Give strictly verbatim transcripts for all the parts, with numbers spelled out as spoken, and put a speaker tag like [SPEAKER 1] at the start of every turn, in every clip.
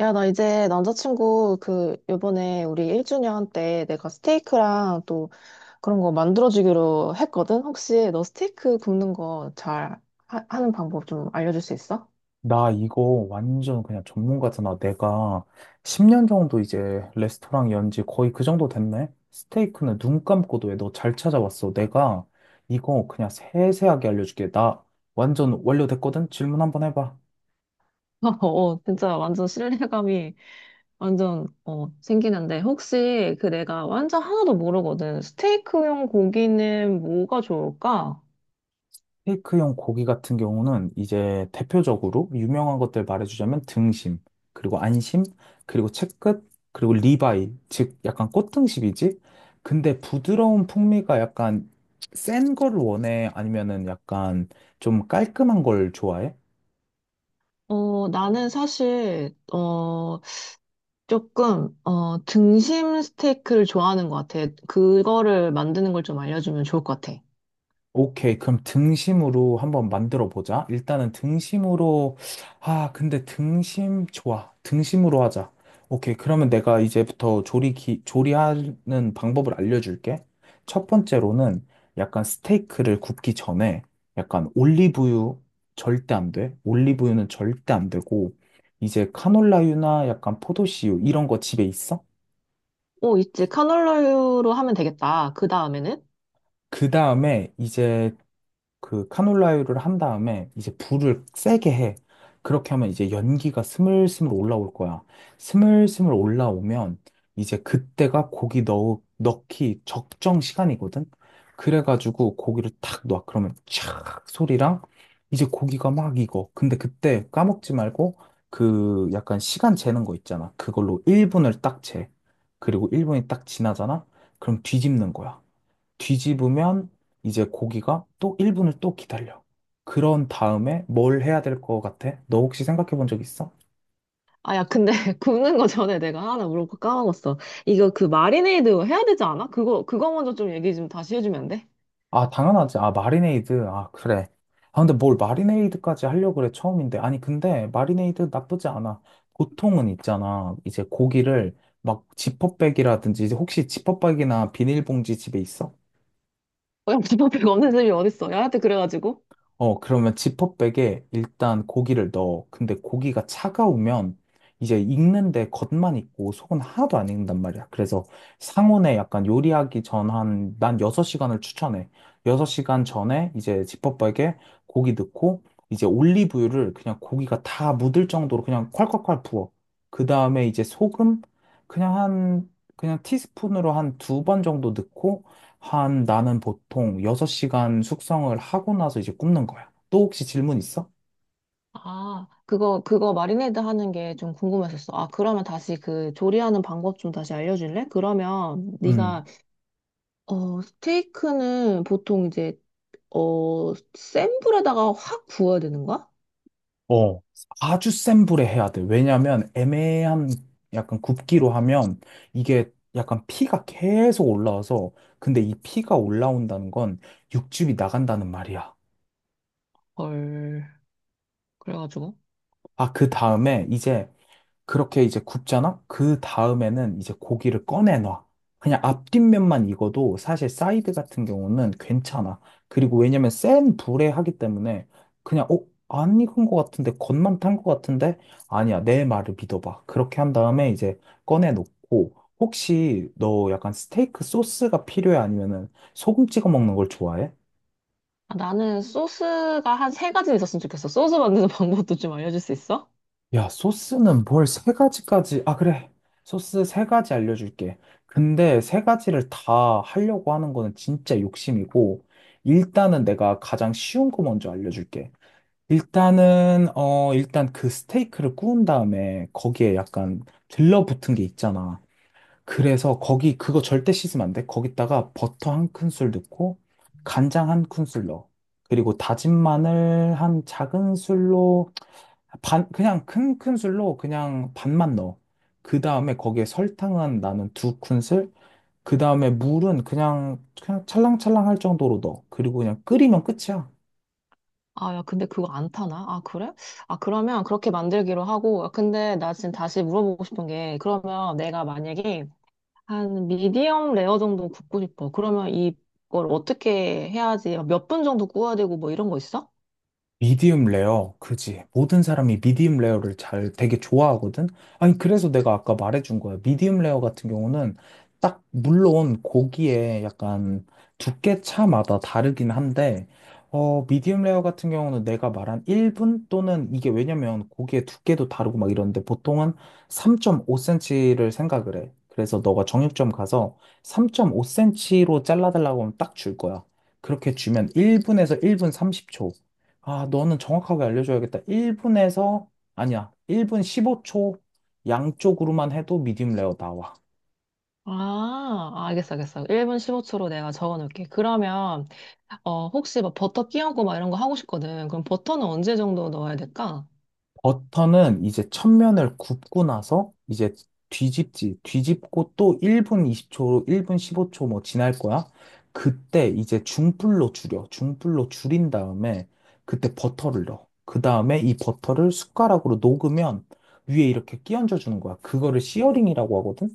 [SPEAKER 1] 야, 나 이제 남자친구 그 요번에 우리 일 주년 때 내가 스테이크랑 또 그런 거 만들어주기로 했거든? 혹시 너 스테이크 굽는 거 잘 하는 방법 좀 알려줄 수 있어?
[SPEAKER 2] 나 이거 완전 그냥 전문가잖아. 내가 십 년 정도 이제 레스토랑 연지 거의 그 정도 됐네? 스테이크는 눈 감고도 왜 너 잘 찾아왔어. 내가 이거 그냥 세세하게 알려줄게. 나 완전 완료됐거든? 질문 한번 해봐.
[SPEAKER 1] 어, 진짜 완전 신뢰감이 완전 어, 생기는데 혹시 그 내가 완전 하나도 모르거든. 스테이크용 고기는 뭐가 좋을까?
[SPEAKER 2] 테이크용 고기 같은 경우는 이제 대표적으로 유명한 것들 말해주자면 등심, 그리고 안심, 그리고 채끝, 그리고 리바이, 즉 약간 꽃등심이지? 근데 부드러운 풍미가 약간 센 걸 원해? 아니면은 약간 좀 깔끔한 걸 좋아해?
[SPEAKER 1] 어, 나는 사실 어, 조금, 어, 등심 스테이크를 좋아하는 것 같아. 그거를 만드는 걸 좀 알려주면 좋을 것 같아.
[SPEAKER 2] 오케이. 그럼 등심으로 한번 만들어 보자. 일단은 등심으로, 아, 근데 등심, 좋아. 등심으로 하자. 오케이. 그러면 내가 이제부터 조리, 기, 조리하는 방법을 알려줄게. 첫 번째로는 약간 스테이크를 굽기 전에 약간 올리브유 절대 안 돼. 올리브유는 절대 안 되고, 이제 카놀라유나 약간 포도씨유 이런 거 집에 있어?
[SPEAKER 1] 오, 있지. 카놀라유로 하면 되겠다. 그 다음에는?
[SPEAKER 2] 그 다음에 이제 그 카놀라유를 한 다음에 이제 불을 세게 해. 그렇게 하면 이제 연기가 스물스물 올라올 거야. 스물스물 올라오면 이제 그때가 고기 넣, 넣기 적정 시간이거든? 그래가지고 고기를 탁 놔. 그러면 촥 소리랑 이제 고기가 막 익어. 근데 그때 까먹지 말고 그 약간 시간 재는 거 있잖아. 그걸로 일 분을 딱 재. 그리고 일 분이 딱 지나잖아? 그럼 뒤집는 거야. 뒤집으면 이제 고기가 또 일 분을 또 기다려. 그런 다음에 뭘 해야 될 것 같아? 너 혹시 생각해 본 적 있어?
[SPEAKER 1] 아, 야, 근데 굽는 거 전에 내가 하나 물어볼고 까먹었어. 이거 그 마리네이드 해야 되지 않아? 그거, 그거 먼저 좀 얘기 좀 다시 해주면 안 돼?
[SPEAKER 2] 아, 당연하지. 아, 마리네이드. 아, 그래. 아, 근데 뭘 마리네이드까지 하려고 그래, 처음인데. 아니, 근데 마리네이드 나쁘지 않아. 보통은 있잖아. 이제 고기를 막 지퍼백이라든지, 이제 혹시 지퍼백이나 비닐봉지 집에 있어?
[SPEAKER 1] 어, 야, 비법이 없는 집이 어딨어. 야한테 그래가지고.
[SPEAKER 2] 어, 그러면 지퍼백에 일단 고기를 넣어. 근데 고기가 차가우면 이제 익는데 겉만 익고 속은 하나도 안 익는단 말이야. 그래서 상온에 약간 요리하기 전 한, 난 여섯 시간을 추천해. 여섯 시간 전에 이제 지퍼백에 고기 넣고 이제 올리브유를 그냥 고기가 다 묻을 정도로 그냥 콸콸콸 부어. 그 다음에 이제 소금 그냥 한, 그냥 티스푼으로 한 두 번 정도 넣고 한 나는 보통 여섯 시간 숙성을 하고 나서 이제 굽는 거야. 또 혹시 질문 있어?
[SPEAKER 1] 아, 그거, 그거 마리네이드 하는 게 좀 궁금했었어. 아, 그러면 다시 그 조리하는 방법 좀 다시 알려줄래? 그러면
[SPEAKER 2] 음.
[SPEAKER 1] 네가 어, 스테이크는 보통 이제, 어, 센 불에다가 확 구워야 되는 거야?
[SPEAKER 2] 어. 아주 센 불에 해야 돼. 왜냐면 애매한 약간 굽기로 하면 이게 약간 피가 계속 올라와서 근데 이 피가 올라온다는 건 육즙이 나간다는 말이야.
[SPEAKER 1] 헐. 그래가지고.
[SPEAKER 2] 아, 그 다음에 이제 그렇게 이제 굽잖아? 그 다음에는 이제 고기를 꺼내놔. 그냥 앞뒷면만 익어도 사실 사이드 같은 경우는 괜찮아. 그리고 왜냐면 센 불에 하기 때문에 그냥, 어? 안 익은 것 같은데, 겉만 탄 것 같은데? 아니야, 내 말을 믿어봐. 그렇게 한 다음에 이제 꺼내놓고, 혹시 너 약간 스테이크 소스가 필요해? 아니면은 소금 찍어 먹는 걸 좋아해?
[SPEAKER 1] 아, 나는 소스가 한 세 가지 있었으면 좋겠어. 소스 만드는 방법도 좀 알려줄 수 있어?
[SPEAKER 2] 야, 소스는 뭘 세 가지까지, 아, 그래. 소스 세 가지 알려줄게. 근데 세 가지를 다 하려고 하는 거는 진짜 욕심이고, 일단은 내가 가장 쉬운 거 먼저 알려줄게. 일단은, 어, 일단 그 스테이크를 구운 다음에 거기에 약간 들러붙은 게 있잖아. 그래서 거기, 그거 절대 씻으면 안 돼. 거기다가 버터 한 큰술 넣고, 간장 한 큰술 넣어. 그리고 다진 마늘 한 작은 술로 반, 그냥 큰 큰술로 그냥 반만 넣어. 그 다음에 거기에 설탕은 나는 두 큰술, 그 다음에 물은 그냥, 그냥 찰랑찰랑 할 정도로 넣어. 그리고 그냥 끓이면 끝이야.
[SPEAKER 1] 아, 야, 근데 그거 안 타나? 아, 그래? 아, 그러면 그렇게 만들기로 하고. 아, 근데 나 지금 다시 물어보고 싶은 게, 그러면 내가 만약에 한 미디엄 레어 정도 굽고 싶어. 그러면 이걸 어떻게 해야지? 몇 분 정도 구워야 되고 뭐 이런 거 있어?
[SPEAKER 2] 미디움 레어, 그지. 모든 사람이 미디움 레어를 잘 되게 좋아하거든? 아니, 그래서 내가 아까 말해준 거야. 미디움 레어 같은 경우는 딱, 물론 고기에 약간 두께 차마다 다르긴 한데, 어, 미디움 레어 같은 경우는 내가 말한 일 분 또는 이게 왜냐면 고기의 두께도 다르고 막 이러는데 보통은 삼 점 오 센티미터를 생각을 해. 그래서 너가 정육점 가서 삼 점 오 센티미터로 잘라달라고 하면 딱 줄 거야. 그렇게 주면 일 분에서 일 분 삼십 초. 아, 너는 정확하게 알려줘야겠다. 일 분에서, 아니야, 일 분 십오 초 양쪽으로만 해도 미디움 레어 나와.
[SPEAKER 1] 아, 알겠어, 알겠어. 일 분 십오 초로 내가 적어 놓을게. 그러면, 어, 혹시 막 버터 끼얹고 막 이런 거 하고 싶거든. 그럼 버터는 언제 정도 넣어야 될까?
[SPEAKER 2] 버터는 이제 첫면을 굽고 나서 이제 뒤집지, 뒤집고 또 일 분 이십 초, 일 분 십오 초 뭐 지날 거야. 그때 이제 중불로 줄여. 중불로 줄인 다음에 그때 버터를 넣어. 그 다음에 이 버터를 숟가락으로 녹으면 위에 이렇게 끼얹어 주는 거야. 그거를 시어링이라고 하거든.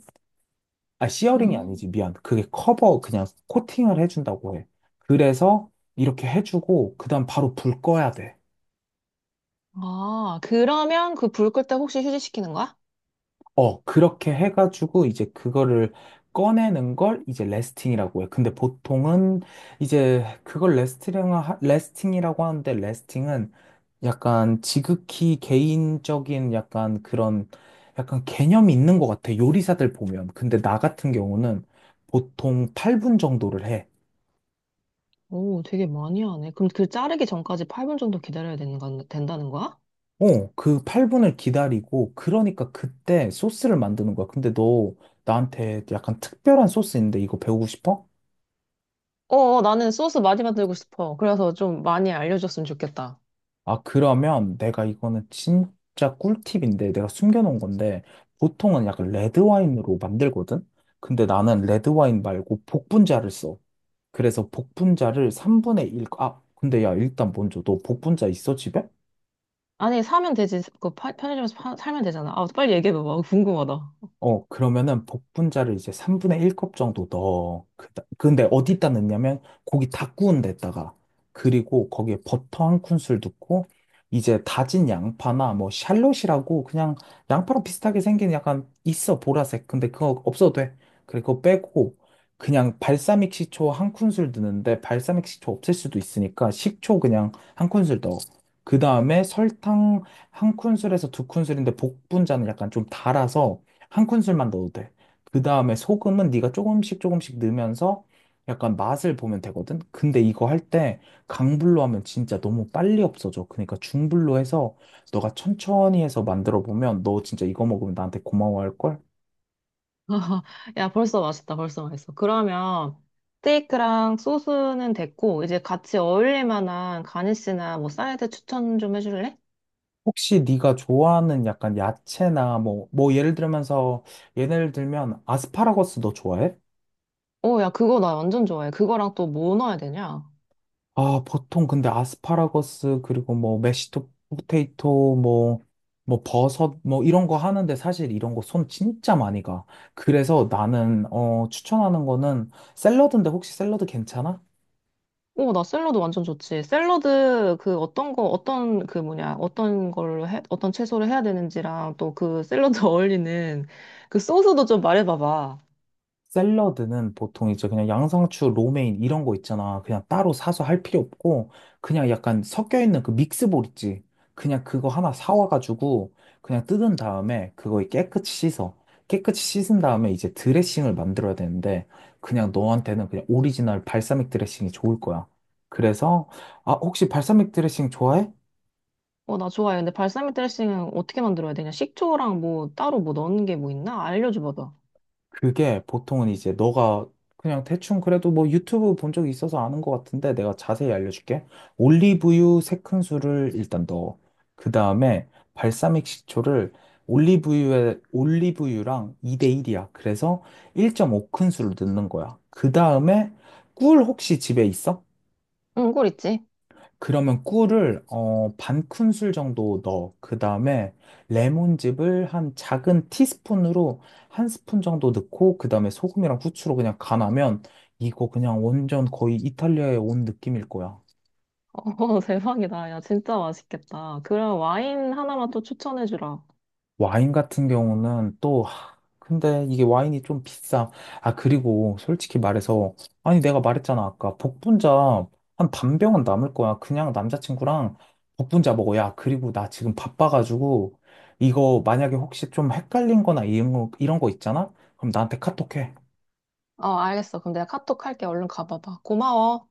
[SPEAKER 2] 아, 시어링이
[SPEAKER 1] 음.
[SPEAKER 2] 아니지. 미안. 그게 커버, 그냥 코팅을 해준다고 해. 그래서 이렇게 해주고, 그 다음 바로 불 꺼야 돼.
[SPEAKER 1] 아, 그러면 그 불 끌 때 혹시 휴지시키는 거야?
[SPEAKER 2] 어, 그렇게 해가지고, 이제 그거를 꺼내는 걸 이제 레스팅이라고 해. 근데 보통은 이제 그걸 레스팅, 레스팅이라고 하는데, 레스팅은 약간 지극히 개인적인 약간 그런, 약간 개념이 있는 것 같아. 요리사들 보면. 근데 나 같은 경우는 보통 팔 분 정도를 해.
[SPEAKER 1] 오, 되게 많이 하네. 그럼 그 자르기 전까지 팔 분 정도 기다려야 되는 건, 된다는 거야?
[SPEAKER 2] 어, 그 팔 분을 기다리고, 그러니까 그때 소스를 만드는 거야. 근데 너 나한테 약간 특별한 소스 인데 이거 배우고 싶어?
[SPEAKER 1] 어, 어, 나는 소스 많이 만들고 싶어. 그래서 좀 많이 알려줬으면 좋겠다.
[SPEAKER 2] 아, 그러면 내가 이거는 진짜 꿀팁인데 내가 숨겨놓은 건데, 보통은 약간 레드와인으로 만들거든? 근데 나는 레드와인 말고 복분자를 써. 그래서 복분자를 삼 분의 일, 아, 근데 야, 일단 먼저 너 복분자 있어, 집에?
[SPEAKER 1] 아니, 사면 되지. 그 파- 편의점에서 파- 사면 되잖아. 아, 빨리 얘기해봐봐. 궁금하다.
[SPEAKER 2] 어, 그러면은 복분자를 이제 삼 분의 한 컵 정도 넣어. 그, 근데 어디다 넣냐면 고기 다 구운 데다가 그리고 거기에 버터 한 큰술 넣고 이제 다진 양파나 뭐 샬롯이라고 그냥 양파랑 비슷하게 생긴 약간 있어 보라색. 근데 그거 없어도 돼. 그리고 그거 빼고 그냥 발사믹 식초 한 큰술 넣는데 발사믹 식초 없을 수도 있으니까 식초 그냥 한 큰술 넣어. 그 다음에 설탕 한 큰술에서 두 큰술인데 복분자는 약간 좀 달아서 한 큰술만 넣어도 돼. 그 다음에 소금은 네가 조금씩 조금씩 넣으면서 약간 맛을 보면 되거든. 근데 이거 할 때 강불로 하면 진짜 너무 빨리 없어져. 그러니까 중불로 해서 너가 천천히 해서 만들어 보면 너 진짜 이거 먹으면 나한테 고마워할 걸.
[SPEAKER 1] 야, 벌써 맛있다. 벌써 맛있어. 그러면 스테이크랑 소스는 됐고 이제 같이 어울릴 만한 가니쉬나 뭐 사이드 추천 좀 해줄래?
[SPEAKER 2] 혹시 네가 좋아하는 약간 야채나 뭐 뭐 예를 들면서 예를 들면 아스파라거스 너 좋아해?
[SPEAKER 1] 오, 야, 그거 나 완전 좋아해. 그거랑 또 뭐 넣어야 되냐?
[SPEAKER 2] 아, 보통 근데 아스파라거스 그리고 뭐 메시토 포테이토 뭐 뭐 버섯 뭐 이런 거 하는데 사실 이런 거 손 진짜 많이 가. 그래서 나는 어 추천하는 거는 샐러드인데 혹시 샐러드 괜찮아?
[SPEAKER 1] 오, 나 샐러드 완전 좋지. 샐러드 그 어떤 거 어떤 그 뭐냐 어떤 걸로 해 어떤 채소를 해야 되는지랑 또 그 샐러드 어울리는 그 소스도 좀 말해봐봐.
[SPEAKER 2] 샐러드는 보통 이제 그냥 양상추, 로메인 이런 거 있잖아. 그냥 따로 사서 할 필요 없고 그냥 약간 섞여 있는 그 믹스볼 있지. 그냥 그거 하나 사와가지고 그냥 뜯은 다음에 그거 깨끗이 씻어. 깨끗이 씻은 다음에 이제 드레싱을 만들어야 되는데 그냥 너한테는 그냥 오리지널 발사믹 드레싱이 좋을 거야. 그래서 아 혹시 발사믹 드레싱 좋아해?
[SPEAKER 1] 어, 나 좋아해. 근데 발사믹 드레싱은 어떻게 만들어야 되냐? 식초랑 뭐 따로 뭐 넣는 게 뭐 있나? 알려줘봐봐.
[SPEAKER 2] 그게 보통은 이제 너가 그냥 대충 그래도 뭐 유튜브 본 적이 있어서 아는 것 같은데 내가 자세히 알려줄게. 올리브유 세 큰술을 일단 넣어. 그 다음에 발사믹 식초를 올리브유에, 올리브유랑 이 대일이야. 그래서 일 점 오 큰술을 넣는 거야. 그 다음에 꿀 혹시 집에 있어?
[SPEAKER 1] 응, 꿀 있지.
[SPEAKER 2] 그러면 꿀을 어, 반 큰술 정도 넣어. 그 다음에 레몬즙을 한 작은 티스푼으로 한 스푼 정도 넣고 그 다음에 소금이랑 후추로 그냥 간하면 이거 그냥 완전 거의 이탈리아에 온 느낌일 거야.
[SPEAKER 1] 어, 대박이다. 야, 진짜 맛있겠다. 그럼 와인 하나만 또 추천해주라.
[SPEAKER 2] 와인 같은 경우는 또, 하, 근데 이게 와인이 좀 비싸. 아, 그리고 솔직히 말해서, 아니, 내가 말했잖아, 아까. 복분자 한 반 병은 남을 거야. 그냥 남자친구랑 복분자 먹어. 야, 그리고 나 지금 바빠가지고, 이거 만약에 혹시 좀 헷갈린 거나 이런 거, 이런 거 있잖아? 그럼 나한테 카톡해.
[SPEAKER 1] 어, 알겠어. 그럼 내가 카톡 할게. 얼른 가봐봐. 고마워.